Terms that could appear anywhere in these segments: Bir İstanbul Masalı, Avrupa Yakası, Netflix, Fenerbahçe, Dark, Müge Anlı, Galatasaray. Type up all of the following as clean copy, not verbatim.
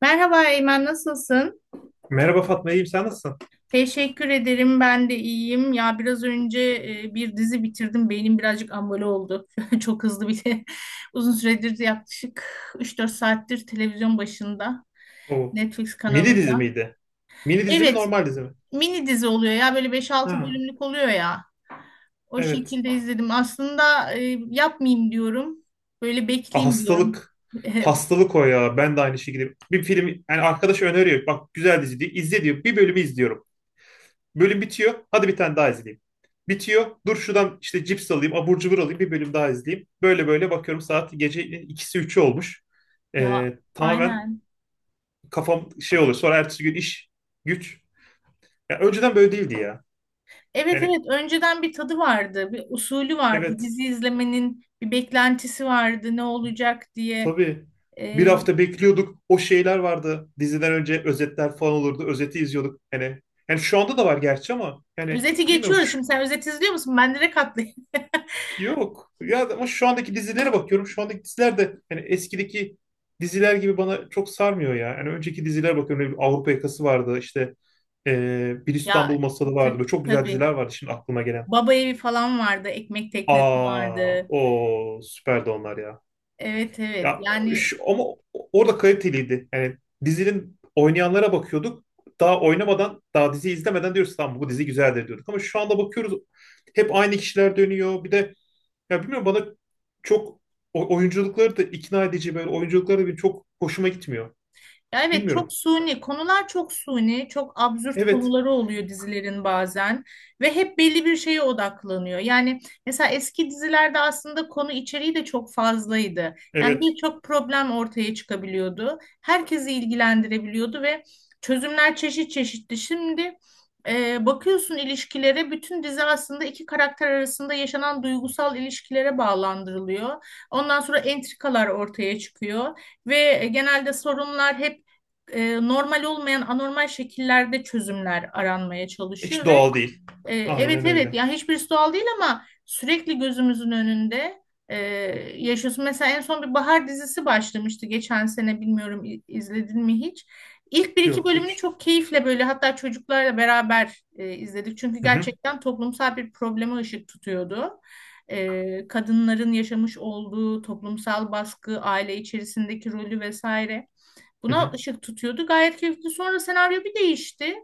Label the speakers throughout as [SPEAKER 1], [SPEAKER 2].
[SPEAKER 1] Merhaba Eymen, nasılsın?
[SPEAKER 2] Merhaba Fatma, iyiyim. Sen nasılsın?
[SPEAKER 1] Teşekkür ederim, ben de iyiyim. Ya biraz önce bir dizi bitirdim, beynim birazcık ambale oldu. Çok hızlı bir de uzun süredir yaklaşık üç dört saattir televizyon başında,
[SPEAKER 2] Oo.
[SPEAKER 1] Netflix
[SPEAKER 2] Mini dizi
[SPEAKER 1] kanalında.
[SPEAKER 2] miydi? Mini dizi mi,
[SPEAKER 1] Evet,
[SPEAKER 2] normal dizi mi?
[SPEAKER 1] mini dizi oluyor ya, böyle beş altı
[SPEAKER 2] Ha,
[SPEAKER 1] bölümlük oluyor ya. O
[SPEAKER 2] evet.
[SPEAKER 1] şekilde izledim. Aslında yapmayayım diyorum, böyle
[SPEAKER 2] Ah,
[SPEAKER 1] bekleyeyim diyorum.
[SPEAKER 2] hastalık. Hastalık o ya. Ben de aynı şekilde. Bir film, yani arkadaş öneriyor. Bak güzel dizi diyor. İzle diyor. Bir bölümü izliyorum. Bölüm bitiyor. Hadi bir tane daha izleyeyim. Bitiyor. Dur şuradan işte cips alayım, abur cubur alayım. Bir bölüm daha izleyeyim. Böyle böyle bakıyorum saat gece ikisi üçü olmuş.
[SPEAKER 1] Ya
[SPEAKER 2] Tamamen
[SPEAKER 1] aynen.
[SPEAKER 2] kafam şey oluyor. Sonra ertesi gün iş, güç. Ya önceden böyle değildi ya.
[SPEAKER 1] Evet
[SPEAKER 2] Yani
[SPEAKER 1] evet önceden bir tadı vardı, bir usulü vardı.
[SPEAKER 2] evet.
[SPEAKER 1] Dizi izlemenin bir beklentisi vardı ne olacak diye.
[SPEAKER 2] Tabii. Bir
[SPEAKER 1] Ee,
[SPEAKER 2] hafta bekliyorduk. O şeyler vardı. Diziden önce özetler falan olurdu. Özeti izliyorduk. Hani yani şu anda da var gerçi ama yani
[SPEAKER 1] özeti
[SPEAKER 2] bilmiyorum
[SPEAKER 1] geçiyoruz. Şimdi sen özet izliyor musun? Ben direkt atlayayım.
[SPEAKER 2] yok. Ya ama şu andaki dizilere bakıyorum. Şu andaki diziler de hani eskideki diziler gibi bana çok sarmıyor ya. Yani önceki dizilere bakıyorum. Ne bileyim, Avrupa Yakası vardı. İşte Bir İstanbul
[SPEAKER 1] Ya
[SPEAKER 2] Masalı vardı. Böyle çok güzel
[SPEAKER 1] tabii.
[SPEAKER 2] diziler vardı şimdi aklıma gelen.
[SPEAKER 1] Baba evi falan vardı, ekmek teknesi
[SPEAKER 2] Aa,
[SPEAKER 1] vardı.
[SPEAKER 2] o süperdi onlar ya.
[SPEAKER 1] Evet evet.
[SPEAKER 2] Ya
[SPEAKER 1] Yani
[SPEAKER 2] ama orada kaliteliydi. Yani dizinin oynayanlara bakıyorduk. Daha oynamadan, daha dizi izlemeden diyoruz tamam bu dizi güzeldir diyorduk. Ama şu anda bakıyoruz hep aynı kişiler dönüyor. Bir de ya bilmiyorum bana çok oyunculukları da ikna edici böyle oyunculukları da benim çok hoşuma gitmiyor.
[SPEAKER 1] ya evet, çok
[SPEAKER 2] Bilmiyorum.
[SPEAKER 1] suni konular, çok suni, çok absürt
[SPEAKER 2] Evet.
[SPEAKER 1] konuları oluyor dizilerin bazen ve hep belli bir şeye odaklanıyor. Yani mesela eski dizilerde aslında konu içeriği de çok fazlaydı. Yani
[SPEAKER 2] Evet.
[SPEAKER 1] birçok problem ortaya çıkabiliyordu. Herkesi ilgilendirebiliyordu ve çözümler çeşit çeşitti. Şimdi bakıyorsun ilişkilere, bütün dizi aslında iki karakter arasında yaşanan duygusal ilişkilere bağlandırılıyor. Ondan sonra entrikalar ortaya çıkıyor ve genelde sorunlar hep normal olmayan anormal şekillerde çözümler aranmaya
[SPEAKER 2] Hiç
[SPEAKER 1] çalışıyor ve
[SPEAKER 2] doğal değil. Aynen
[SPEAKER 1] evet evet,
[SPEAKER 2] öyle.
[SPEAKER 1] ya hiçbirisi doğal değil ama sürekli gözümüzün önünde e, yaşıyorsun. Mesela en son bir bahar dizisi başlamıştı geçen sene, bilmiyorum izledin mi hiç? İlk bir iki
[SPEAKER 2] Yok
[SPEAKER 1] bölümünü
[SPEAKER 2] hiç.
[SPEAKER 1] çok keyifle, böyle hatta çocuklarla beraber izledik. Çünkü
[SPEAKER 2] Hı hı.
[SPEAKER 1] gerçekten toplumsal bir probleme ışık tutuyordu. Kadınların yaşamış olduğu toplumsal baskı, aile içerisindeki rolü vesaire.
[SPEAKER 2] Hı
[SPEAKER 1] Buna
[SPEAKER 2] hı.
[SPEAKER 1] ışık tutuyordu. Gayet keyifli. Sonra senaryo bir değişti.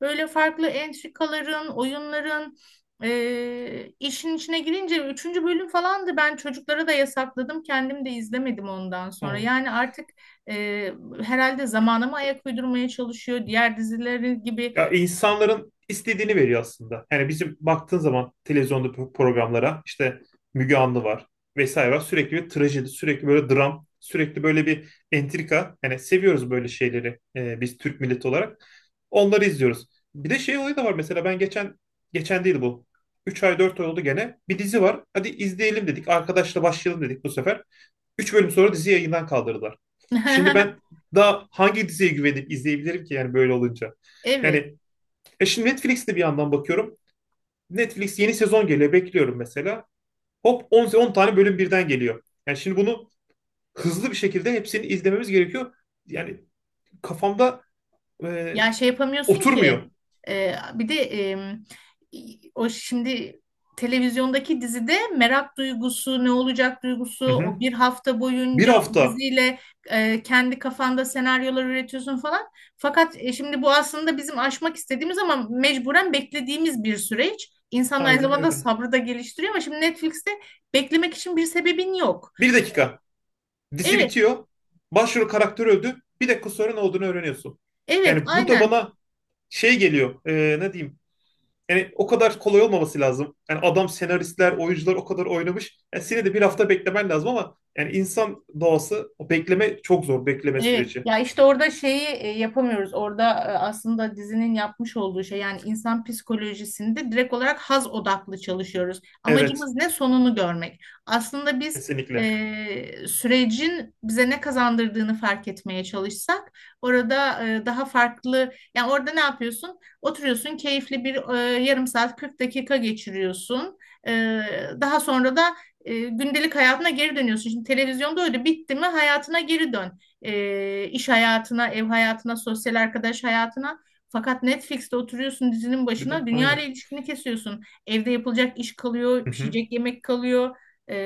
[SPEAKER 1] Böyle farklı entrikaların, oyunların işin içine girince üçüncü bölüm falandı. Ben çocuklara da yasakladım. Kendim de izlemedim ondan sonra.
[SPEAKER 2] Aa.
[SPEAKER 1] Yani artık e, herhalde zamana mı ayak uydurmaya çalışıyor, diğer dizileri gibi.
[SPEAKER 2] Ya insanların istediğini veriyor aslında. Yani bizim baktığın zaman televizyonda programlara işte Müge Anlı var vesaire var. Sürekli bir trajedi, sürekli böyle dram, sürekli böyle bir entrika. Yani seviyoruz böyle şeyleri biz Türk milleti olarak. Onları izliyoruz. Bir de şey olayı da var mesela ben geçen geçen değil bu. 3 ay 4 ay oldu gene. Bir dizi var. Hadi izleyelim dedik. Arkadaşla başlayalım dedik bu sefer. Üç bölüm sonra dizi yayından kaldırdılar. Şimdi ben daha hangi diziye güvenip izleyebilirim ki yani böyle olunca?
[SPEAKER 1] Evet.
[SPEAKER 2] Yani şimdi Netflix'te bir yandan bakıyorum. Netflix yeni sezon geliyor. Bekliyorum mesela. Hop 10, 10 tane bölüm birden geliyor. Yani şimdi bunu hızlı bir şekilde hepsini izlememiz gerekiyor. Yani kafamda e,
[SPEAKER 1] Ya şey yapamıyorsun
[SPEAKER 2] oturmuyor.
[SPEAKER 1] ki. e, bir de em, O şimdi televizyondaki dizide merak duygusu, ne olacak duygusu,
[SPEAKER 2] Hı
[SPEAKER 1] o
[SPEAKER 2] hı.
[SPEAKER 1] bir hafta
[SPEAKER 2] Bir
[SPEAKER 1] boyunca o
[SPEAKER 2] hafta.
[SPEAKER 1] diziyle kendi kafanda senaryolar üretiyorsun falan. Fakat şimdi bu aslında bizim aşmak istediğimiz ama mecburen beklediğimiz bir süreç. İnsan aynı
[SPEAKER 2] Aynen
[SPEAKER 1] zamanda
[SPEAKER 2] öyle.
[SPEAKER 1] sabrı da geliştiriyor ama şimdi Netflix'te beklemek için bir sebebin yok.
[SPEAKER 2] Bir dakika. Dizi
[SPEAKER 1] Evet,
[SPEAKER 2] bitiyor. Başrol karakteri öldü. Bir dakika sonra ne olduğunu öğreniyorsun.
[SPEAKER 1] evet,
[SPEAKER 2] Yani bu da
[SPEAKER 1] aynen.
[SPEAKER 2] bana şey geliyor. Ne diyeyim? Yani o kadar kolay olmaması lazım. Yani adam senaristler, oyuncular o kadar oynamış. Yani seni de bir hafta beklemen lazım ama yani insan doğası o bekleme çok zor bekleme
[SPEAKER 1] Evet,
[SPEAKER 2] süreci.
[SPEAKER 1] ya işte orada şeyi yapamıyoruz. Orada aslında dizinin yapmış olduğu şey, yani insan psikolojisinde direkt olarak haz odaklı çalışıyoruz.
[SPEAKER 2] Evet,
[SPEAKER 1] Amacımız ne? Sonunu görmek. Aslında biz
[SPEAKER 2] kesinlikle.
[SPEAKER 1] sürecin bize ne kazandırdığını fark etmeye çalışsak orada daha farklı, yani orada ne yapıyorsun? Oturuyorsun, keyifli bir yarım saat 40 dakika geçiriyorsun. E, Daha sonra da gündelik hayatına geri dönüyorsun. Şimdi televizyonda öyle bitti mi hayatına geri dön, iş hayatına, ev hayatına, sosyal arkadaş hayatına. Fakat Netflix'te oturuyorsun dizinin
[SPEAKER 2] Bir
[SPEAKER 1] başına,
[SPEAKER 2] de
[SPEAKER 1] dünya ile
[SPEAKER 2] aynen.
[SPEAKER 1] ilişkini kesiyorsun. Evde yapılacak iş kalıyor,
[SPEAKER 2] Hı hı,
[SPEAKER 1] pişecek yemek kalıyor, e,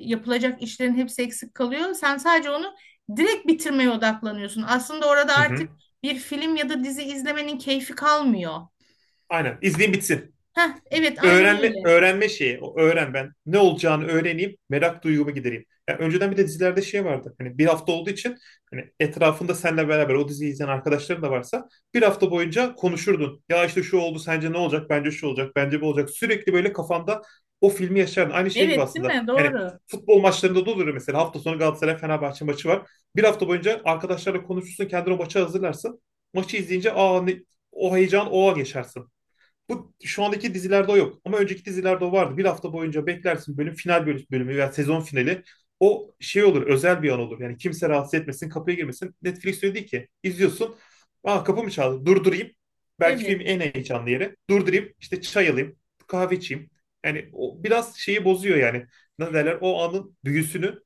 [SPEAKER 1] yapılacak işlerin hepsi eksik kalıyor. Sen sadece onu direkt bitirmeye odaklanıyorsun. Aslında orada
[SPEAKER 2] hı
[SPEAKER 1] artık
[SPEAKER 2] hı.
[SPEAKER 1] bir film ya da dizi izlemenin keyfi kalmıyor.
[SPEAKER 2] Aynen. İzleyin bitsin.
[SPEAKER 1] Heh, evet, aynen
[SPEAKER 2] öğrenme
[SPEAKER 1] öyle.
[SPEAKER 2] öğrenme şeyi. O öğren ben. Ne olacağını öğreneyim. Merak duygumu gidereyim. Yani önceden bir de dizilerde şey vardı. Hani bir hafta olduğu için hani etrafında seninle beraber o diziyi izleyen arkadaşların da varsa bir hafta boyunca konuşurdun. Ya işte şu oldu sence ne olacak? Bence şu olacak. Bence bu olacak. Sürekli böyle kafanda o filmi yaşardın. Aynı şey gibi
[SPEAKER 1] Evet, değil
[SPEAKER 2] aslında.
[SPEAKER 1] mi?
[SPEAKER 2] Yani
[SPEAKER 1] Doğru.
[SPEAKER 2] futbol maçlarında da olur mesela hafta sonu Galatasaray Fenerbahçe maçı var. Bir hafta boyunca arkadaşlarla konuşursun, kendini o maça hazırlarsın. Maçı izleyince aa ne, o heyecan o geçersin. Bu şu andaki dizilerde o yok. Ama önceki dizilerde o vardı. Bir hafta boyunca beklersin bölüm final bölüm, bölümü veya sezon finali. O şey olur, özel bir an olur. Yani kimse rahatsız etmesin, kapıya girmesin. Netflix öyle değil ki. İzliyorsun. Aa kapı mı çaldı? Durdurayım. Belki
[SPEAKER 1] Evet.
[SPEAKER 2] filmin en heyecanlı yeri. Durdurayım. İşte çay alayım. Kahve içeyim. Yani o biraz şeyi bozuyor yani. Ne derler? O anın büyüsünü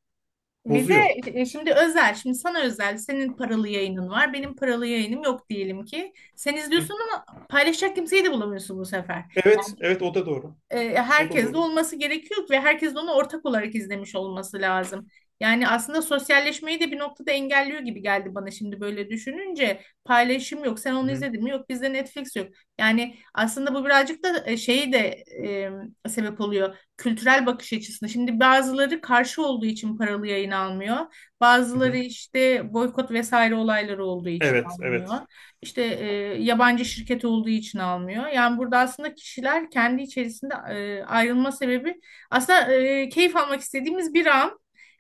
[SPEAKER 1] Bir de
[SPEAKER 2] bozuyor.
[SPEAKER 1] şimdi özel, şimdi sana özel, senin paralı yayının var, benim paralı yayınım yok diyelim ki. Sen
[SPEAKER 2] Hı.
[SPEAKER 1] izliyorsun ama paylaşacak kimseyi de bulamıyorsun bu sefer,
[SPEAKER 2] Evet, evet o da doğru. O da
[SPEAKER 1] herkes de
[SPEAKER 2] doğru.
[SPEAKER 1] olması gerekiyor ve herkes de onu ortak olarak izlemiş olması lazım. Yani aslında sosyalleşmeyi de bir noktada engelliyor gibi geldi bana şimdi böyle düşününce. Paylaşım yok. Sen
[SPEAKER 2] Hı
[SPEAKER 1] onu
[SPEAKER 2] hı.
[SPEAKER 1] izledin mi? Yok, bizde Netflix yok. Yani aslında bu birazcık da şeyi de sebep oluyor. Kültürel bakış açısına. Şimdi bazıları karşı olduğu için paralı yayın almıyor.
[SPEAKER 2] Hı
[SPEAKER 1] Bazıları
[SPEAKER 2] hı.
[SPEAKER 1] işte boykot vesaire olayları olduğu için
[SPEAKER 2] Evet, evet.
[SPEAKER 1] almıyor. İşte yabancı şirket olduğu için almıyor. Yani burada aslında kişiler kendi içerisinde ayrılma sebebi aslında keyif almak istediğimiz bir an,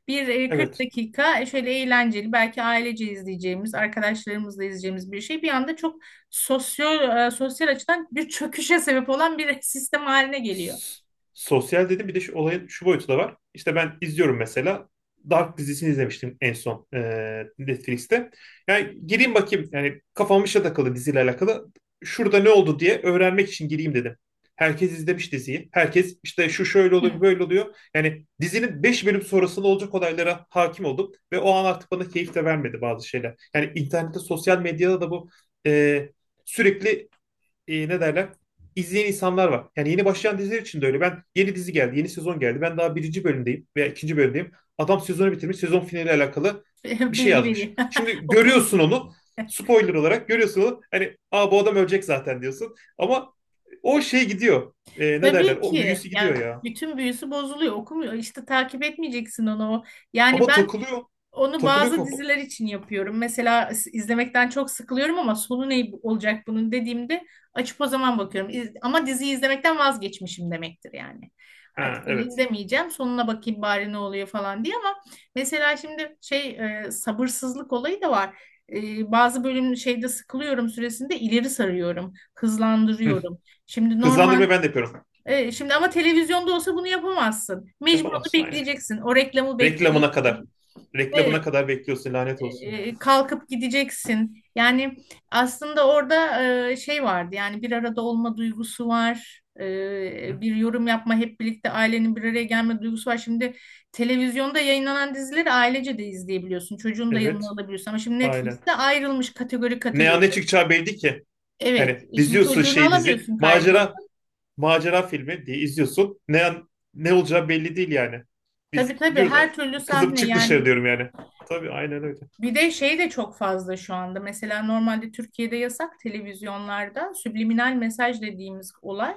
[SPEAKER 1] bir 40
[SPEAKER 2] Evet.
[SPEAKER 1] dakika, şöyle eğlenceli, belki ailece izleyeceğimiz, arkadaşlarımızla izleyeceğimiz bir şey bir anda çok sosyal, sosyal açıdan bir çöküşe sebep olan bir sistem haline geliyor.
[SPEAKER 2] S- Sosyal dedim bir de şu olayın şu boyutu da var. İşte ben izliyorum mesela. Dark dizisini izlemiştim en son Netflix'te. Yani gireyim bakayım yani kafam işe takılı diziyle alakalı. Şurada ne oldu diye öğrenmek için gireyim dedim. Herkes izlemiş diziyi. Herkes işte şu şöyle
[SPEAKER 1] Hı.
[SPEAKER 2] oluyor böyle oluyor. Yani dizinin 5 bölüm sonrasında olacak olaylara hakim oldum. Ve o an artık bana keyif de vermedi bazı şeyler. Yani internette sosyal medyada da bu e, sürekli ne derler izleyen insanlar var. Yani yeni başlayan diziler için de öyle. Ben yeni dizi geldi, yeni sezon geldi. Ben daha birinci bölümdeyim veya ikinci bölümdeyim. Adam sezonu bitirmiş, sezon finaliyle alakalı bir şey
[SPEAKER 1] Bilgi
[SPEAKER 2] yazmış.
[SPEAKER 1] veriyor.
[SPEAKER 2] Şimdi görüyorsun
[SPEAKER 1] Okumayacağım.
[SPEAKER 2] onu. Spoiler olarak görüyorsun onu. Hani aa bu adam ölecek zaten diyorsun. Ama o şey gidiyor. E, ne derler?
[SPEAKER 1] Tabii
[SPEAKER 2] O
[SPEAKER 1] ki.
[SPEAKER 2] büyüsü gidiyor
[SPEAKER 1] Yani
[SPEAKER 2] ya.
[SPEAKER 1] bütün büyüsü bozuluyor. Okumuyor. İşte takip etmeyeceksin onu. Yani
[SPEAKER 2] Ama
[SPEAKER 1] ben
[SPEAKER 2] takılıyor.
[SPEAKER 1] onu
[SPEAKER 2] Takılıyor
[SPEAKER 1] bazı
[SPEAKER 2] kafa.
[SPEAKER 1] diziler için yapıyorum. Mesela izlemekten çok sıkılıyorum ama sonu ne olacak bunun dediğimde açıp o zaman bakıyorum. Ama diziyi izlemekten vazgeçmişim demektir yani.
[SPEAKER 2] Ha
[SPEAKER 1] Artık onu
[SPEAKER 2] evet.
[SPEAKER 1] izlemeyeceğim. Sonuna bakayım bari ne oluyor falan diye. Ama mesela şimdi şey, sabırsızlık olayı da var. Bazı bölüm şeyde sıkılıyorum süresinde, ileri sarıyorum,
[SPEAKER 2] Hı.
[SPEAKER 1] hızlandırıyorum. Şimdi normal,
[SPEAKER 2] Hızlandırmayı ben de yapıyorum.
[SPEAKER 1] şimdi ama televizyonda olsa bunu yapamazsın. Mecbur onu
[SPEAKER 2] Yapamazsın aynen.
[SPEAKER 1] bekleyeceksin. O reklamı
[SPEAKER 2] Reklamına kadar.
[SPEAKER 1] bekleyeceksin.
[SPEAKER 2] Reklamına
[SPEAKER 1] Evet,
[SPEAKER 2] kadar bekliyorsun lanet olsun ya.
[SPEAKER 1] kalkıp gideceksin. Yani aslında orada şey vardı, yani bir arada olma duygusu var.
[SPEAKER 2] Hı.
[SPEAKER 1] Bir yorum yapma, hep birlikte ailenin bir araya gelme duygusu var. Şimdi televizyonda yayınlanan dizileri ailece de izleyebiliyorsun. Çocuğunu da yanına
[SPEAKER 2] Evet,
[SPEAKER 1] alabiliyorsun. Ama şimdi
[SPEAKER 2] aynen.
[SPEAKER 1] Netflix'te ayrılmış kategori
[SPEAKER 2] Ne
[SPEAKER 1] kategori.
[SPEAKER 2] an ne çıkacağı belli ki.
[SPEAKER 1] Evet.
[SPEAKER 2] Yani
[SPEAKER 1] e Şimdi
[SPEAKER 2] diziyorsun
[SPEAKER 1] çocuğunu
[SPEAKER 2] şey dizi,
[SPEAKER 1] alamıyorsun, kaygını.
[SPEAKER 2] macera filmi diye izliyorsun. Ne olacağı belli değil yani.
[SPEAKER 1] Tabii
[SPEAKER 2] Biz
[SPEAKER 1] tabii, her
[SPEAKER 2] diyoruz
[SPEAKER 1] türlü
[SPEAKER 2] kızım
[SPEAKER 1] sahne
[SPEAKER 2] çık dışarı
[SPEAKER 1] yani.
[SPEAKER 2] diyorum yani. Tabii aynen öyle.
[SPEAKER 1] Bir de şey de çok fazla şu anda. Mesela normalde Türkiye'de yasak televizyonlarda subliminal mesaj dediğimiz olay.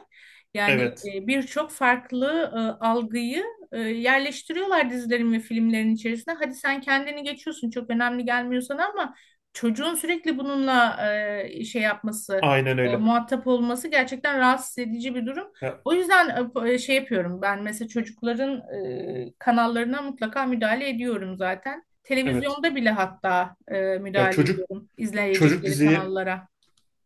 [SPEAKER 1] Yani
[SPEAKER 2] Evet,
[SPEAKER 1] birçok farklı algıyı yerleştiriyorlar dizilerin ve filmlerin içerisine. Hadi sen kendini geçiyorsun, çok önemli gelmiyor sana, ama çocuğun sürekli bununla şey yapması,
[SPEAKER 2] aynen öyle.
[SPEAKER 1] muhatap olması gerçekten rahatsız edici bir durum.
[SPEAKER 2] Ya,
[SPEAKER 1] O yüzden şey yapıyorum ben, mesela çocukların kanallarına mutlaka müdahale ediyorum zaten.
[SPEAKER 2] evet.
[SPEAKER 1] Televizyonda bile hatta
[SPEAKER 2] Ya
[SPEAKER 1] müdahale ediyorum
[SPEAKER 2] çocuk
[SPEAKER 1] izleyecekleri
[SPEAKER 2] dizileri
[SPEAKER 1] kanallara.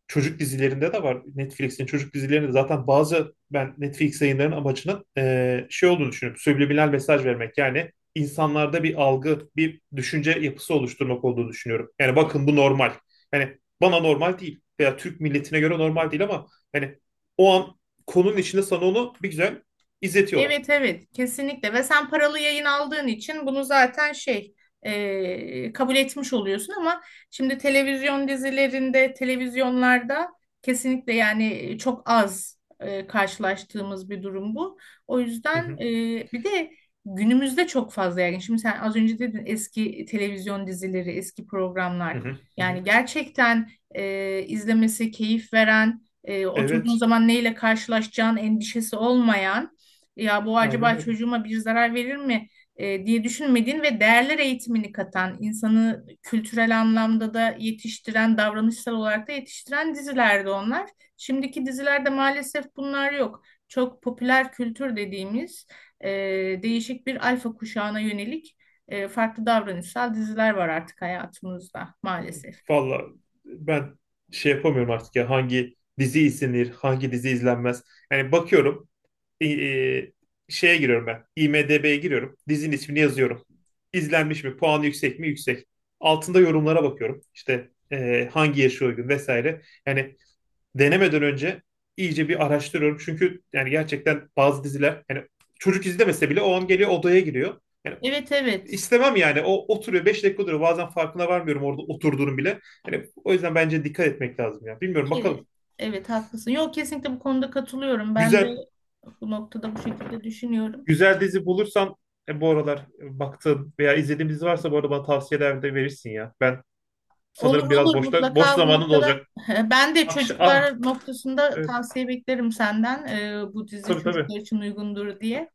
[SPEAKER 2] çocuk dizilerinde de var. Netflix'in çocuk dizilerinde zaten bazı ben Netflix yayınlarının amacının şey olduğunu düşünüyorum. Subliminal mesaj vermek yani insanlarda bir algı, bir düşünce yapısı oluşturmak olduğunu düşünüyorum. Yani bakın bu normal. Yani bana normal değil veya Türk milletine göre normal değil ama yani o an konunun içinde sana onu bir güzel izletiyorlar.
[SPEAKER 1] Evet evet, kesinlikle. Ve sen paralı yayın aldığın için bunu zaten şey, kabul etmiş oluyorsun. Ama şimdi televizyon dizilerinde, televizyonlarda kesinlikle, yani çok az karşılaştığımız bir durum bu. O
[SPEAKER 2] Hı
[SPEAKER 1] yüzden
[SPEAKER 2] hı,
[SPEAKER 1] bir de günümüzde çok fazla, yani şimdi sen az önce dedin, eski televizyon dizileri, eski
[SPEAKER 2] hı
[SPEAKER 1] programlar,
[SPEAKER 2] hı, hı hı.
[SPEAKER 1] yani gerçekten izlemesi keyif veren, oturduğun
[SPEAKER 2] Evet,
[SPEAKER 1] zaman neyle karşılaşacağın endişesi olmayan, ya bu
[SPEAKER 2] aynen
[SPEAKER 1] acaba
[SPEAKER 2] öyle.
[SPEAKER 1] çocuğuma bir zarar verir mi diye düşünmediğin ve değerler eğitimini katan, insanı kültürel anlamda da yetiştiren, davranışsal olarak da yetiştiren dizilerdi onlar. Şimdiki dizilerde maalesef bunlar yok. Çok popüler kültür dediğimiz e, değişik bir alfa kuşağına yönelik farklı davranışsal diziler var artık hayatımızda, maalesef.
[SPEAKER 2] Valla ben şey yapamıyorum artık ya hangi dizi izlenir, hangi dizi izlenmez. Yani bakıyorum e, şeye giriyorum ben. IMDb'ye giriyorum. Dizinin ismini yazıyorum. İzlenmiş mi? Puanı yüksek mi? Yüksek. Altında yorumlara bakıyorum. İşte hangi yaşı uygun vesaire. Yani denemeden önce iyice bir araştırıyorum. Çünkü yani gerçekten bazı diziler yani çocuk izlemese bile o an geliyor odaya giriyor. Yani
[SPEAKER 1] Evet evet.
[SPEAKER 2] istemem yani. O oturuyor 5 dakika duruyor. Bazen farkına varmıyorum orada oturduğunu bile. Yani o yüzden bence dikkat etmek lazım ya. Bilmiyorum
[SPEAKER 1] Ki
[SPEAKER 2] bakalım.
[SPEAKER 1] evet, haklısın. Yok, kesinlikle bu konuda katılıyorum. Ben de
[SPEAKER 2] Güzel
[SPEAKER 1] bu noktada bu şekilde düşünüyorum.
[SPEAKER 2] Güzel dizi bulursan bu aralar baktığın veya izlediğin dizi varsa bu arada bana tavsiyeler de verirsin ya. Ben
[SPEAKER 1] Olur
[SPEAKER 2] sanırım biraz
[SPEAKER 1] olur,
[SPEAKER 2] boşta boş
[SPEAKER 1] mutlaka bu
[SPEAKER 2] zamanın da
[SPEAKER 1] noktada.
[SPEAKER 2] olacak.
[SPEAKER 1] Ben de
[SPEAKER 2] Akşam ah
[SPEAKER 1] çocuklar noktasında
[SPEAKER 2] evet
[SPEAKER 1] tavsiye beklerim senden. Bu dizi
[SPEAKER 2] tabii tabii.
[SPEAKER 1] çocuklar için uygundur diye.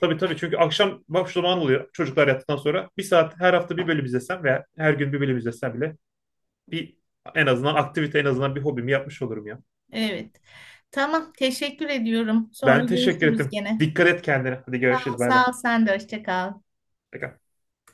[SPEAKER 2] Tabii tabii çünkü akşam boş zaman oluyor çocuklar yattıktan sonra. Bir saat her hafta bir bölüm izlesem veya her gün bir bölüm izlesem bile bir en azından aktivite en azından bir hobimi yapmış olurum ya.
[SPEAKER 1] Evet. Tamam, teşekkür ediyorum. Sonra
[SPEAKER 2] Ben teşekkür
[SPEAKER 1] görüşürüz
[SPEAKER 2] ettim.
[SPEAKER 1] gene.
[SPEAKER 2] Dikkat et kendine. Hadi görüşürüz bay bay.
[SPEAKER 1] Sağ ol, sen de hoşça kal.